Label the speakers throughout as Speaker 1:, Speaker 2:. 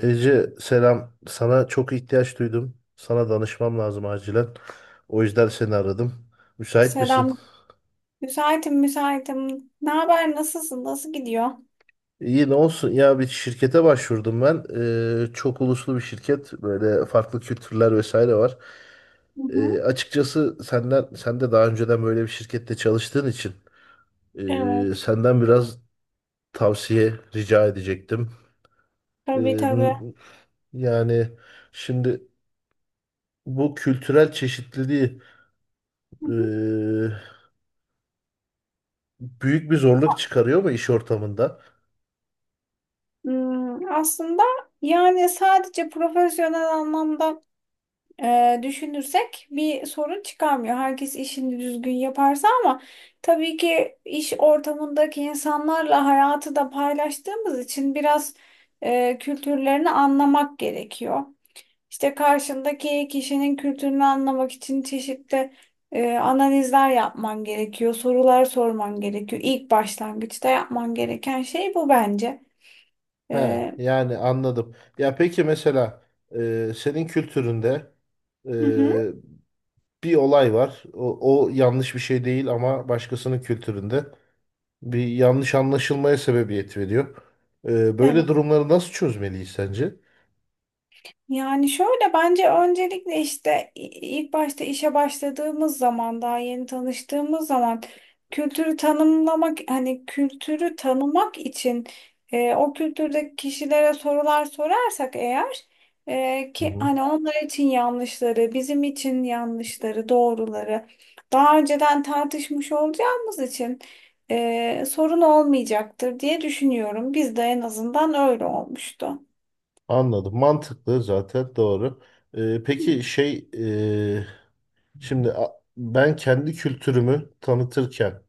Speaker 1: Ece selam. Sana çok ihtiyaç duydum. Sana danışmam lazım acilen. O yüzden seni aradım. Müsait misin?
Speaker 2: Selam. Müsaitim. Ne haber? Nasılsın? Nasıl gidiyor?
Speaker 1: İyi ne olsun? Ya bir şirkete başvurdum ben. Çok uluslu bir şirket. Böyle farklı kültürler vesaire var.
Speaker 2: Hı hı.
Speaker 1: Açıkçası senden, sen de daha önceden böyle bir şirkette çalıştığın için
Speaker 2: Evet,
Speaker 1: senden biraz tavsiye rica edecektim. Ee,
Speaker 2: tabii.
Speaker 1: n- yani Şimdi bu kültürel çeşitliliği
Speaker 2: Hı hı.
Speaker 1: ee, büyük bir zorluk çıkarıyor mu iş ortamında?
Speaker 2: Aslında yani sadece profesyonel anlamda düşünürsek bir sorun çıkarmıyor. Herkes işini düzgün yaparsa ama tabii ki iş ortamındaki insanlarla hayatı da paylaştığımız için biraz kültürlerini anlamak gerekiyor. İşte karşındaki kişinin kültürünü anlamak için çeşitli analizler yapman gerekiyor, sorular sorman gerekiyor. İlk başlangıçta yapman gereken şey bu bence.
Speaker 1: He,
Speaker 2: E,
Speaker 1: yani anladım. Ya peki mesela senin kültüründe e,
Speaker 2: hı hı,
Speaker 1: bir olay var. O yanlış bir şey değil ama başkasının kültüründe bir yanlış anlaşılmaya sebebiyet veriyor. Böyle
Speaker 2: evet.
Speaker 1: durumları nasıl çözmeliyiz sence?
Speaker 2: Yani şöyle bence öncelikle işte ilk başta işe başladığımız zaman daha yeni tanıştığımız zaman kültürü tanımlamak hani kültürü tanımak için o kültürdeki kişilere sorular sorarsak eğer
Speaker 1: Hı
Speaker 2: ki
Speaker 1: hı.
Speaker 2: hani onlar için yanlışları bizim için yanlışları doğruları daha önceden tartışmış olacağımız için sorun olmayacaktır diye düşünüyorum. Bizde en azından öyle olmuştu.
Speaker 1: Anladım. Mantıklı zaten doğru. E, peki şey e, Şimdi ben kendi kültürümü tanıtırken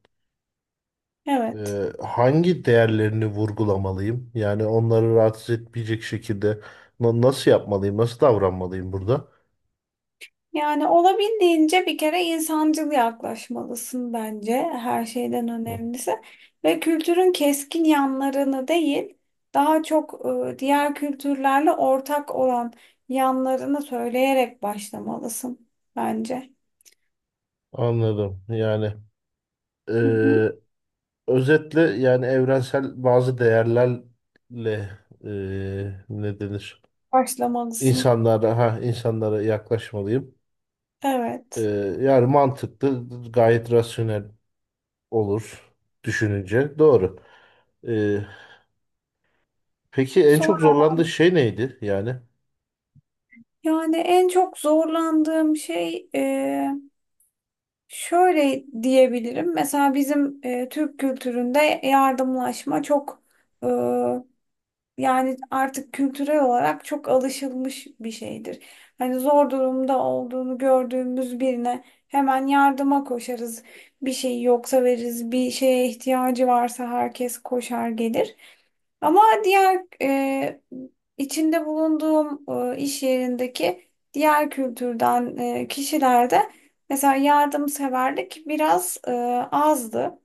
Speaker 2: Evet.
Speaker 1: Hangi değerlerini vurgulamalıyım? Yani onları rahatsız etmeyecek şekilde nasıl yapmalıyım, nasıl davranmalıyım burada?
Speaker 2: Yani olabildiğince bir kere insancıl yaklaşmalısın bence her şeyden
Speaker 1: Hı,
Speaker 2: önemlisi. Ve kültürün keskin yanlarını değil, daha çok diğer kültürlerle ortak olan yanlarını söyleyerek başlamalısın bence.
Speaker 1: anladım. E,
Speaker 2: Hı hı.
Speaker 1: Özetle yani evrensel bazı değerlerle e, ne denir?
Speaker 2: Başlamalısın.
Speaker 1: İnsanlara insanlara yaklaşmalıyım. E,
Speaker 2: Evet.
Speaker 1: Yani mantıklı, gayet rasyonel olur düşününce. Doğru. E, peki en çok
Speaker 2: Sonra
Speaker 1: zorlandığı şey neydi? Yani
Speaker 2: yani en çok zorlandığım şey şöyle diyebilirim. Mesela bizim Türk kültüründe yardımlaşma çok. Yani artık kültürel olarak çok alışılmış bir şeydir. Hani zor durumda olduğunu gördüğümüz birine hemen yardıma koşarız. Bir şey yoksa veririz, bir şeye ihtiyacı varsa herkes koşar gelir. Ama diğer içinde bulunduğum iş yerindeki diğer kültürden kişilerde mesela yardımseverlik biraz azdı.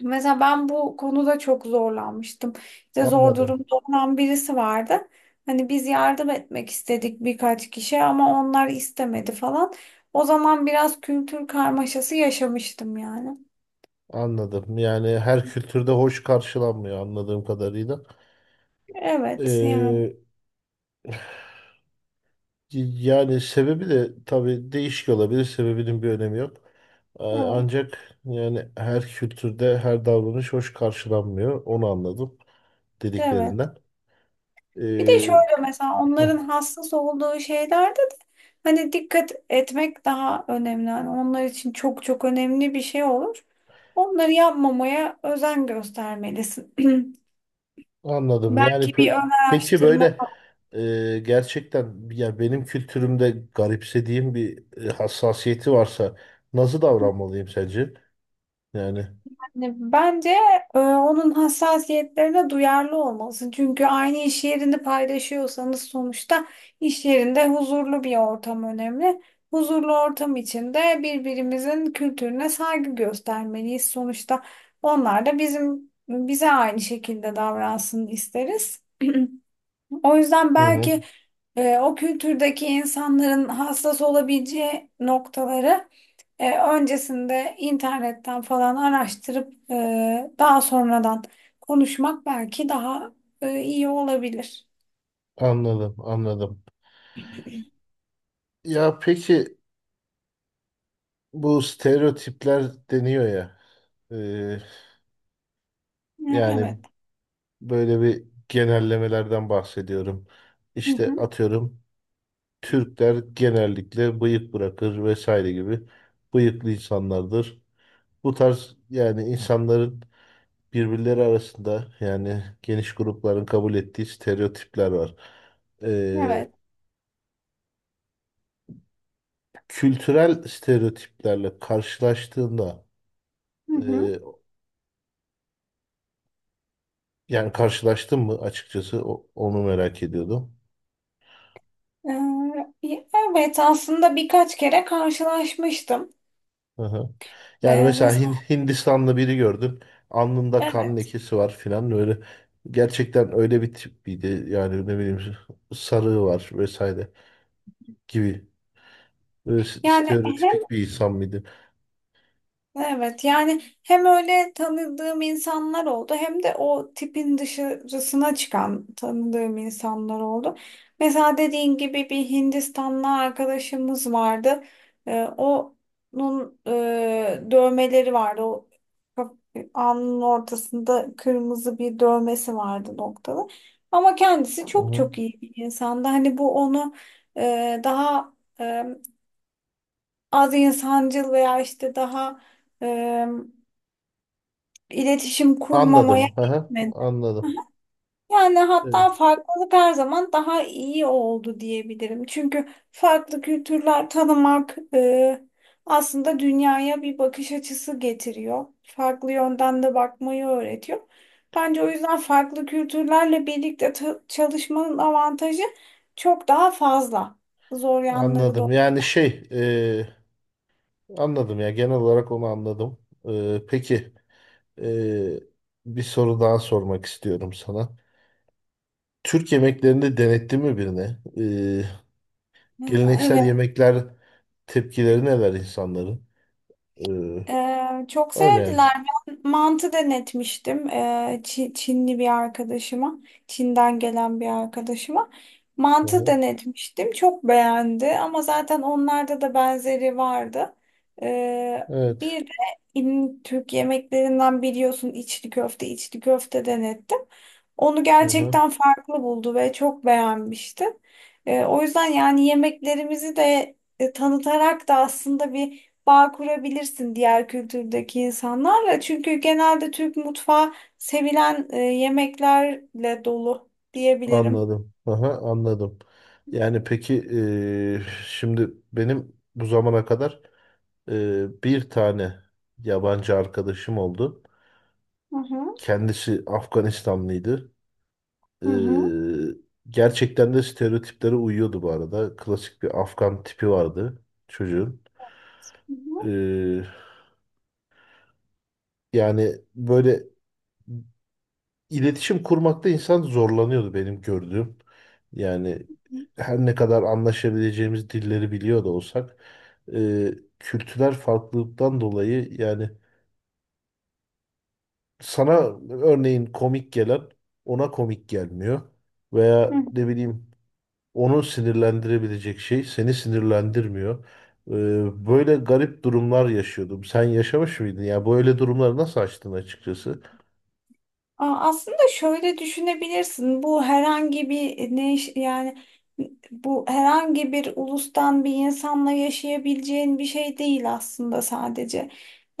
Speaker 2: Mesela ben bu konuda çok zorlanmıştım. İşte zor
Speaker 1: anladım.
Speaker 2: durumda olan birisi vardı. Hani biz yardım etmek istedik birkaç kişi ama onlar istemedi falan. O zaman biraz kültür karmaşası yaşamıştım yani.
Speaker 1: Anladım. Yani her kültürde hoş karşılanmıyor anladığım kadarıyla.
Speaker 2: Evet yani.
Speaker 1: Ee, Yani sebebi de tabii değişik olabilir. Sebebinin bir önemi yok.
Speaker 2: Evet.
Speaker 1: Ancak yani her kültürde her davranış hoş karşılanmıyor. Onu anladım
Speaker 2: Evet.
Speaker 1: dediklerinden.
Speaker 2: Bir de
Speaker 1: Ee,
Speaker 2: şöyle mesela
Speaker 1: heh,
Speaker 2: onların hassas olduğu şeylerde de hani dikkat etmek daha önemli. Hani onlar için çok çok önemli bir şey olur. Onları yapmamaya özen göstermelisin.
Speaker 1: Anladım.
Speaker 2: Belki bir ön
Speaker 1: Peki
Speaker 2: araştırma
Speaker 1: böyle
Speaker 2: falan.
Speaker 1: gerçekten ya benim kültürümde garipsediğim bir hassasiyeti varsa nasıl davranmalıyım sence? Yani.
Speaker 2: Hani bence onun hassasiyetlerine duyarlı olmalısın. Çünkü aynı iş yerini paylaşıyorsanız sonuçta iş yerinde huzurlu bir ortam önemli. Huzurlu ortam içinde birbirimizin kültürüne saygı göstermeliyiz. Sonuçta onlar da bizim bize aynı şekilde davransın isteriz. O yüzden
Speaker 1: Hı hı.
Speaker 2: belki o kültürdeki insanların hassas olabileceği noktaları. Öncesinde internetten falan araştırıp daha sonradan konuşmak belki daha iyi olabilir.
Speaker 1: Anladım, anladım. Ya peki bu stereotipler deniyor ya. e,
Speaker 2: E,
Speaker 1: Yani
Speaker 2: Evet.
Speaker 1: böyle bir genellemelerden bahsediyorum.
Speaker 2: Hı
Speaker 1: İşte
Speaker 2: hı.
Speaker 1: atıyorum Türkler genellikle bıyık bırakır vesaire gibi bıyıklı insanlardır. Bu tarz yani insanların birbirleri arasında yani geniş grupların kabul ettiği stereotipler var. E,
Speaker 2: Evet.
Speaker 1: Kültürel stereotiplerle karşılaştığında
Speaker 2: Hı hı.
Speaker 1: e, yani karşılaştın mı açıkçası onu merak ediyordum.
Speaker 2: E, evet aslında birkaç kere karşılaşmıştım.
Speaker 1: Hı hı. Yani
Speaker 2: Ve
Speaker 1: mesela
Speaker 2: mesela
Speaker 1: Hindistanlı biri gördün. Alnında kan
Speaker 2: evet.
Speaker 1: lekesi var filan öyle. Gerçekten öyle bir tipiydi. Yani ne bileyim sarığı var vesaire gibi. Böyle
Speaker 2: Yani
Speaker 1: stereotipik bir insan mıydı?
Speaker 2: evet yani hem öyle tanıdığım insanlar oldu hem de o tipin dışarısına çıkan tanıdığım insanlar oldu. Mesela dediğin gibi bir Hindistanlı arkadaşımız vardı. Onun dövmeleri vardı. O kaf- alnının ortasında kırmızı bir dövmesi vardı noktalı. Ama kendisi
Speaker 1: Hı
Speaker 2: çok
Speaker 1: hı.
Speaker 2: çok iyi bir insandı. Hani bu onu daha e, az insancıl veya işte daha e, iletişim kurmamaya
Speaker 1: Anladım. Hı hı.
Speaker 2: gitmedi.
Speaker 1: Anladım.
Speaker 2: Yani
Speaker 1: Evet.
Speaker 2: hatta farklılık her zaman daha iyi oldu diyebilirim. Çünkü farklı kültürler tanımak aslında dünyaya bir bakış açısı getiriyor. Farklı yönden de bakmayı öğretiyor. Bence o yüzden farklı kültürlerle birlikte çalışmanın avantajı çok daha fazla. Zor yanları da.
Speaker 1: Anladım. Anladım ya, genel olarak onu anladım. E, peki e, Bir soru daha sormak istiyorum sana. Türk yemeklerinde denettin mi birine?
Speaker 2: Ha,
Speaker 1: Geleneksel
Speaker 2: evet.
Speaker 1: yemekler, tepkileri neler insanların? Ee,
Speaker 2: Çok
Speaker 1: Öyle yani.
Speaker 2: sevdiler. Ben mantı denetmiştim Çinli bir arkadaşıma. Çin'den gelen bir arkadaşıma. Mantı
Speaker 1: Aha,
Speaker 2: denetmiştim. Çok beğendi ama zaten onlarda da benzeri vardı. Ee,
Speaker 1: evet.
Speaker 2: bir de Türk yemeklerinden biliyorsun içli köfte, içli köfte denettim. Onu
Speaker 1: Aha,
Speaker 2: gerçekten farklı buldu ve çok beğenmişti. O yüzden yani yemeklerimizi de tanıtarak da aslında bir bağ kurabilirsin diğer kültürdeki insanlarla. Çünkü genelde Türk mutfağı sevilen yemeklerle dolu diyebilirim.
Speaker 1: anladım. Aha, anladım. Yani peki şimdi benim bu zamana kadar bir tane yabancı arkadaşım oldu.
Speaker 2: Hı hı.
Speaker 1: Kendisi Afganistanlıydı. Ee,
Speaker 2: Hı hı.
Speaker 1: Gerçekten de stereotiplere uyuyordu bu arada. Klasik bir Afgan tipi vardı çocuğun.
Speaker 2: Hı hı.
Speaker 1: Ee, Yani böyle iletişim kurmakta insan zorlanıyordu benim gördüğüm. Yani
Speaker 2: Hı
Speaker 1: her ne kadar anlaşabileceğimiz dilleri biliyor da olsak e, kültürel farklılıktan dolayı yani sana örneğin komik gelen ona komik gelmiyor.
Speaker 2: hı.
Speaker 1: Veya ne bileyim onu sinirlendirebilecek şey seni sinirlendirmiyor. Böyle garip durumlar yaşıyordum. Sen yaşamış mıydın? Ya böyle durumları nasıl açtın açıkçası?
Speaker 2: Aa, aslında şöyle düşünebilirsin. Bu herhangi bir yani bu herhangi bir ulustan bir insanla yaşayabileceğin bir şey değil aslında sadece.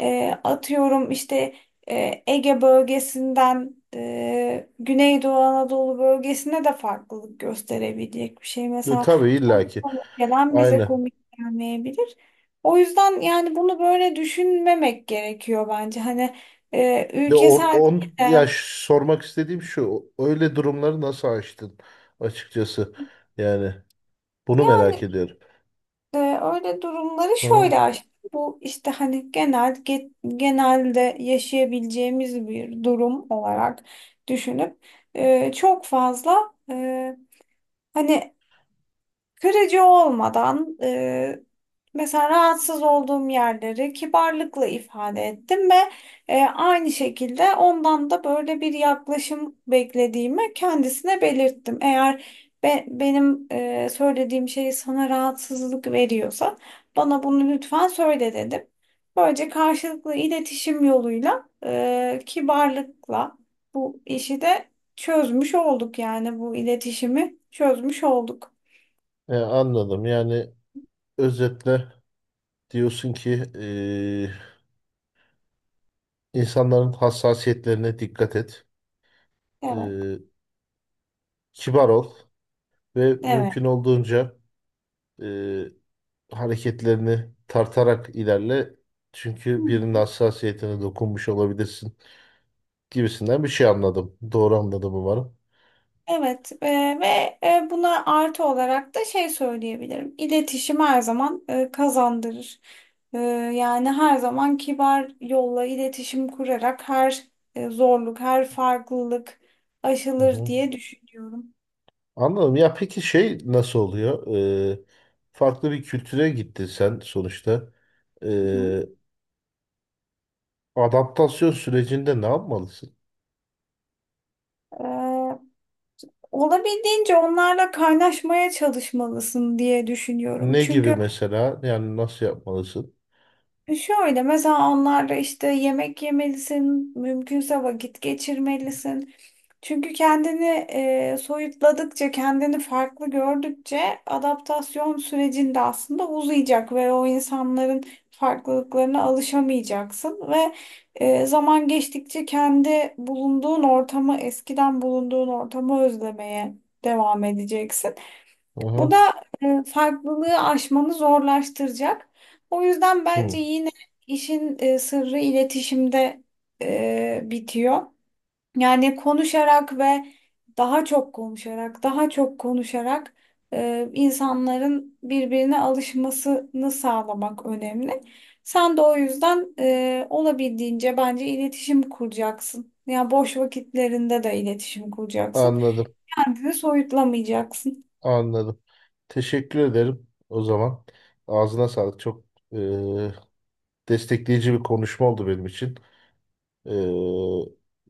Speaker 2: Atıyorum işte Ege bölgesinden Güneydoğu Anadolu bölgesine de farklılık gösterebilecek bir şey. Mesela
Speaker 1: Tabii
Speaker 2: ona
Speaker 1: illaki.
Speaker 2: komik gelen bize
Speaker 1: Aynen.
Speaker 2: komik gelmeyebilir. O yüzden yani bunu böyle düşünmemek gerekiyor bence. Hani
Speaker 1: Ya or-
Speaker 2: ülkesel.
Speaker 1: on ya ş- sormak istediğim şu. Öyle durumları nasıl aştın açıkçası? Yani bunu merak
Speaker 2: Yani
Speaker 1: ediyorum.
Speaker 2: öyle durumları
Speaker 1: Aha.
Speaker 2: şöyle aşkım. Bu işte hani genelde yaşayabileceğimiz bir durum olarak düşünüp çok fazla hani kırıcı olmadan mesela rahatsız olduğum yerleri kibarlıkla ifade ettim ve aynı şekilde ondan da böyle bir yaklaşım beklediğimi kendisine belirttim. Eğer benim söylediğim şey sana rahatsızlık veriyorsa bana bunu lütfen söyle dedim. Böylece karşılıklı iletişim yoluyla kibarlıkla bu işi de çözmüş olduk yani bu iletişimi çözmüş olduk.
Speaker 1: Anladım. Yani özetle diyorsun ki insanların hassasiyetlerine dikkat et.
Speaker 2: Evet.
Speaker 1: E, Kibar ol ve
Speaker 2: Evet.
Speaker 1: mümkün olduğunca e, hareketlerini tartarak ilerle.
Speaker 2: Hı
Speaker 1: Çünkü birinin
Speaker 2: hı.
Speaker 1: hassasiyetine dokunmuş olabilirsin gibisinden bir şey anladım. Doğru anladım umarım.
Speaker 2: Evet ve buna artı olarak da şey söyleyebilirim. İletişim her zaman kazandırır. E, yani her zaman kibar yolla iletişim kurarak her zorluk, her farklılık
Speaker 1: Hı
Speaker 2: aşılır
Speaker 1: hı.
Speaker 2: diye düşünüyorum.
Speaker 1: Anladım. Ya peki şey nasıl oluyor? Ee, Farklı bir kültüre gittin sen sonuçta.
Speaker 2: Hı
Speaker 1: Ee, Adaptasyon sürecinde ne yapmalısın?
Speaker 2: hı. Olabildiğince onlarla kaynaşmaya çalışmalısın diye düşünüyorum.
Speaker 1: Ne gibi
Speaker 2: Çünkü
Speaker 1: mesela? Yani nasıl yapmalısın?
Speaker 2: şöyle mesela onlarla işte yemek yemelisin, mümkünse vakit geçirmelisin. Çünkü kendini soyutladıkça, kendini farklı gördükçe adaptasyon sürecinde aslında uzayacak ve o insanların farklılıklarına alışamayacaksın ve zaman geçtikçe kendi bulunduğun ortamı, eskiden bulunduğun ortamı özlemeye devam edeceksin.
Speaker 1: Hı
Speaker 2: Bu
Speaker 1: hı.
Speaker 2: da farklılığı aşmanı zorlaştıracak. O yüzden bence
Speaker 1: Hı.
Speaker 2: yine işin sırrı iletişimde bitiyor. Yani konuşarak ve daha çok konuşarak, daha çok konuşarak insanların birbirine alışmasını sağlamak önemli. Sen de o yüzden olabildiğince bence iletişim kuracaksın. Yani boş vakitlerinde de iletişim kuracaksın.
Speaker 1: Anladım.
Speaker 2: Kendini soyutlamayacaksın.
Speaker 1: Anladım. Teşekkür ederim o zaman. Ağzına sağlık. Çok e, destekleyici bir konuşma oldu benim için. Ee,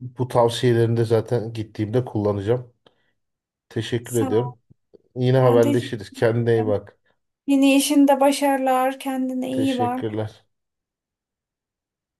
Speaker 1: Bu tavsiyelerini de zaten gittiğimde kullanacağım. Teşekkür
Speaker 2: Sağ ol.
Speaker 1: ediyorum. Yine
Speaker 2: Ben teşekkür.
Speaker 1: haberleşiriz. Kendine iyi bak.
Speaker 2: Yeni işinde başarılar, kendine iyi bak.
Speaker 1: Teşekkürler.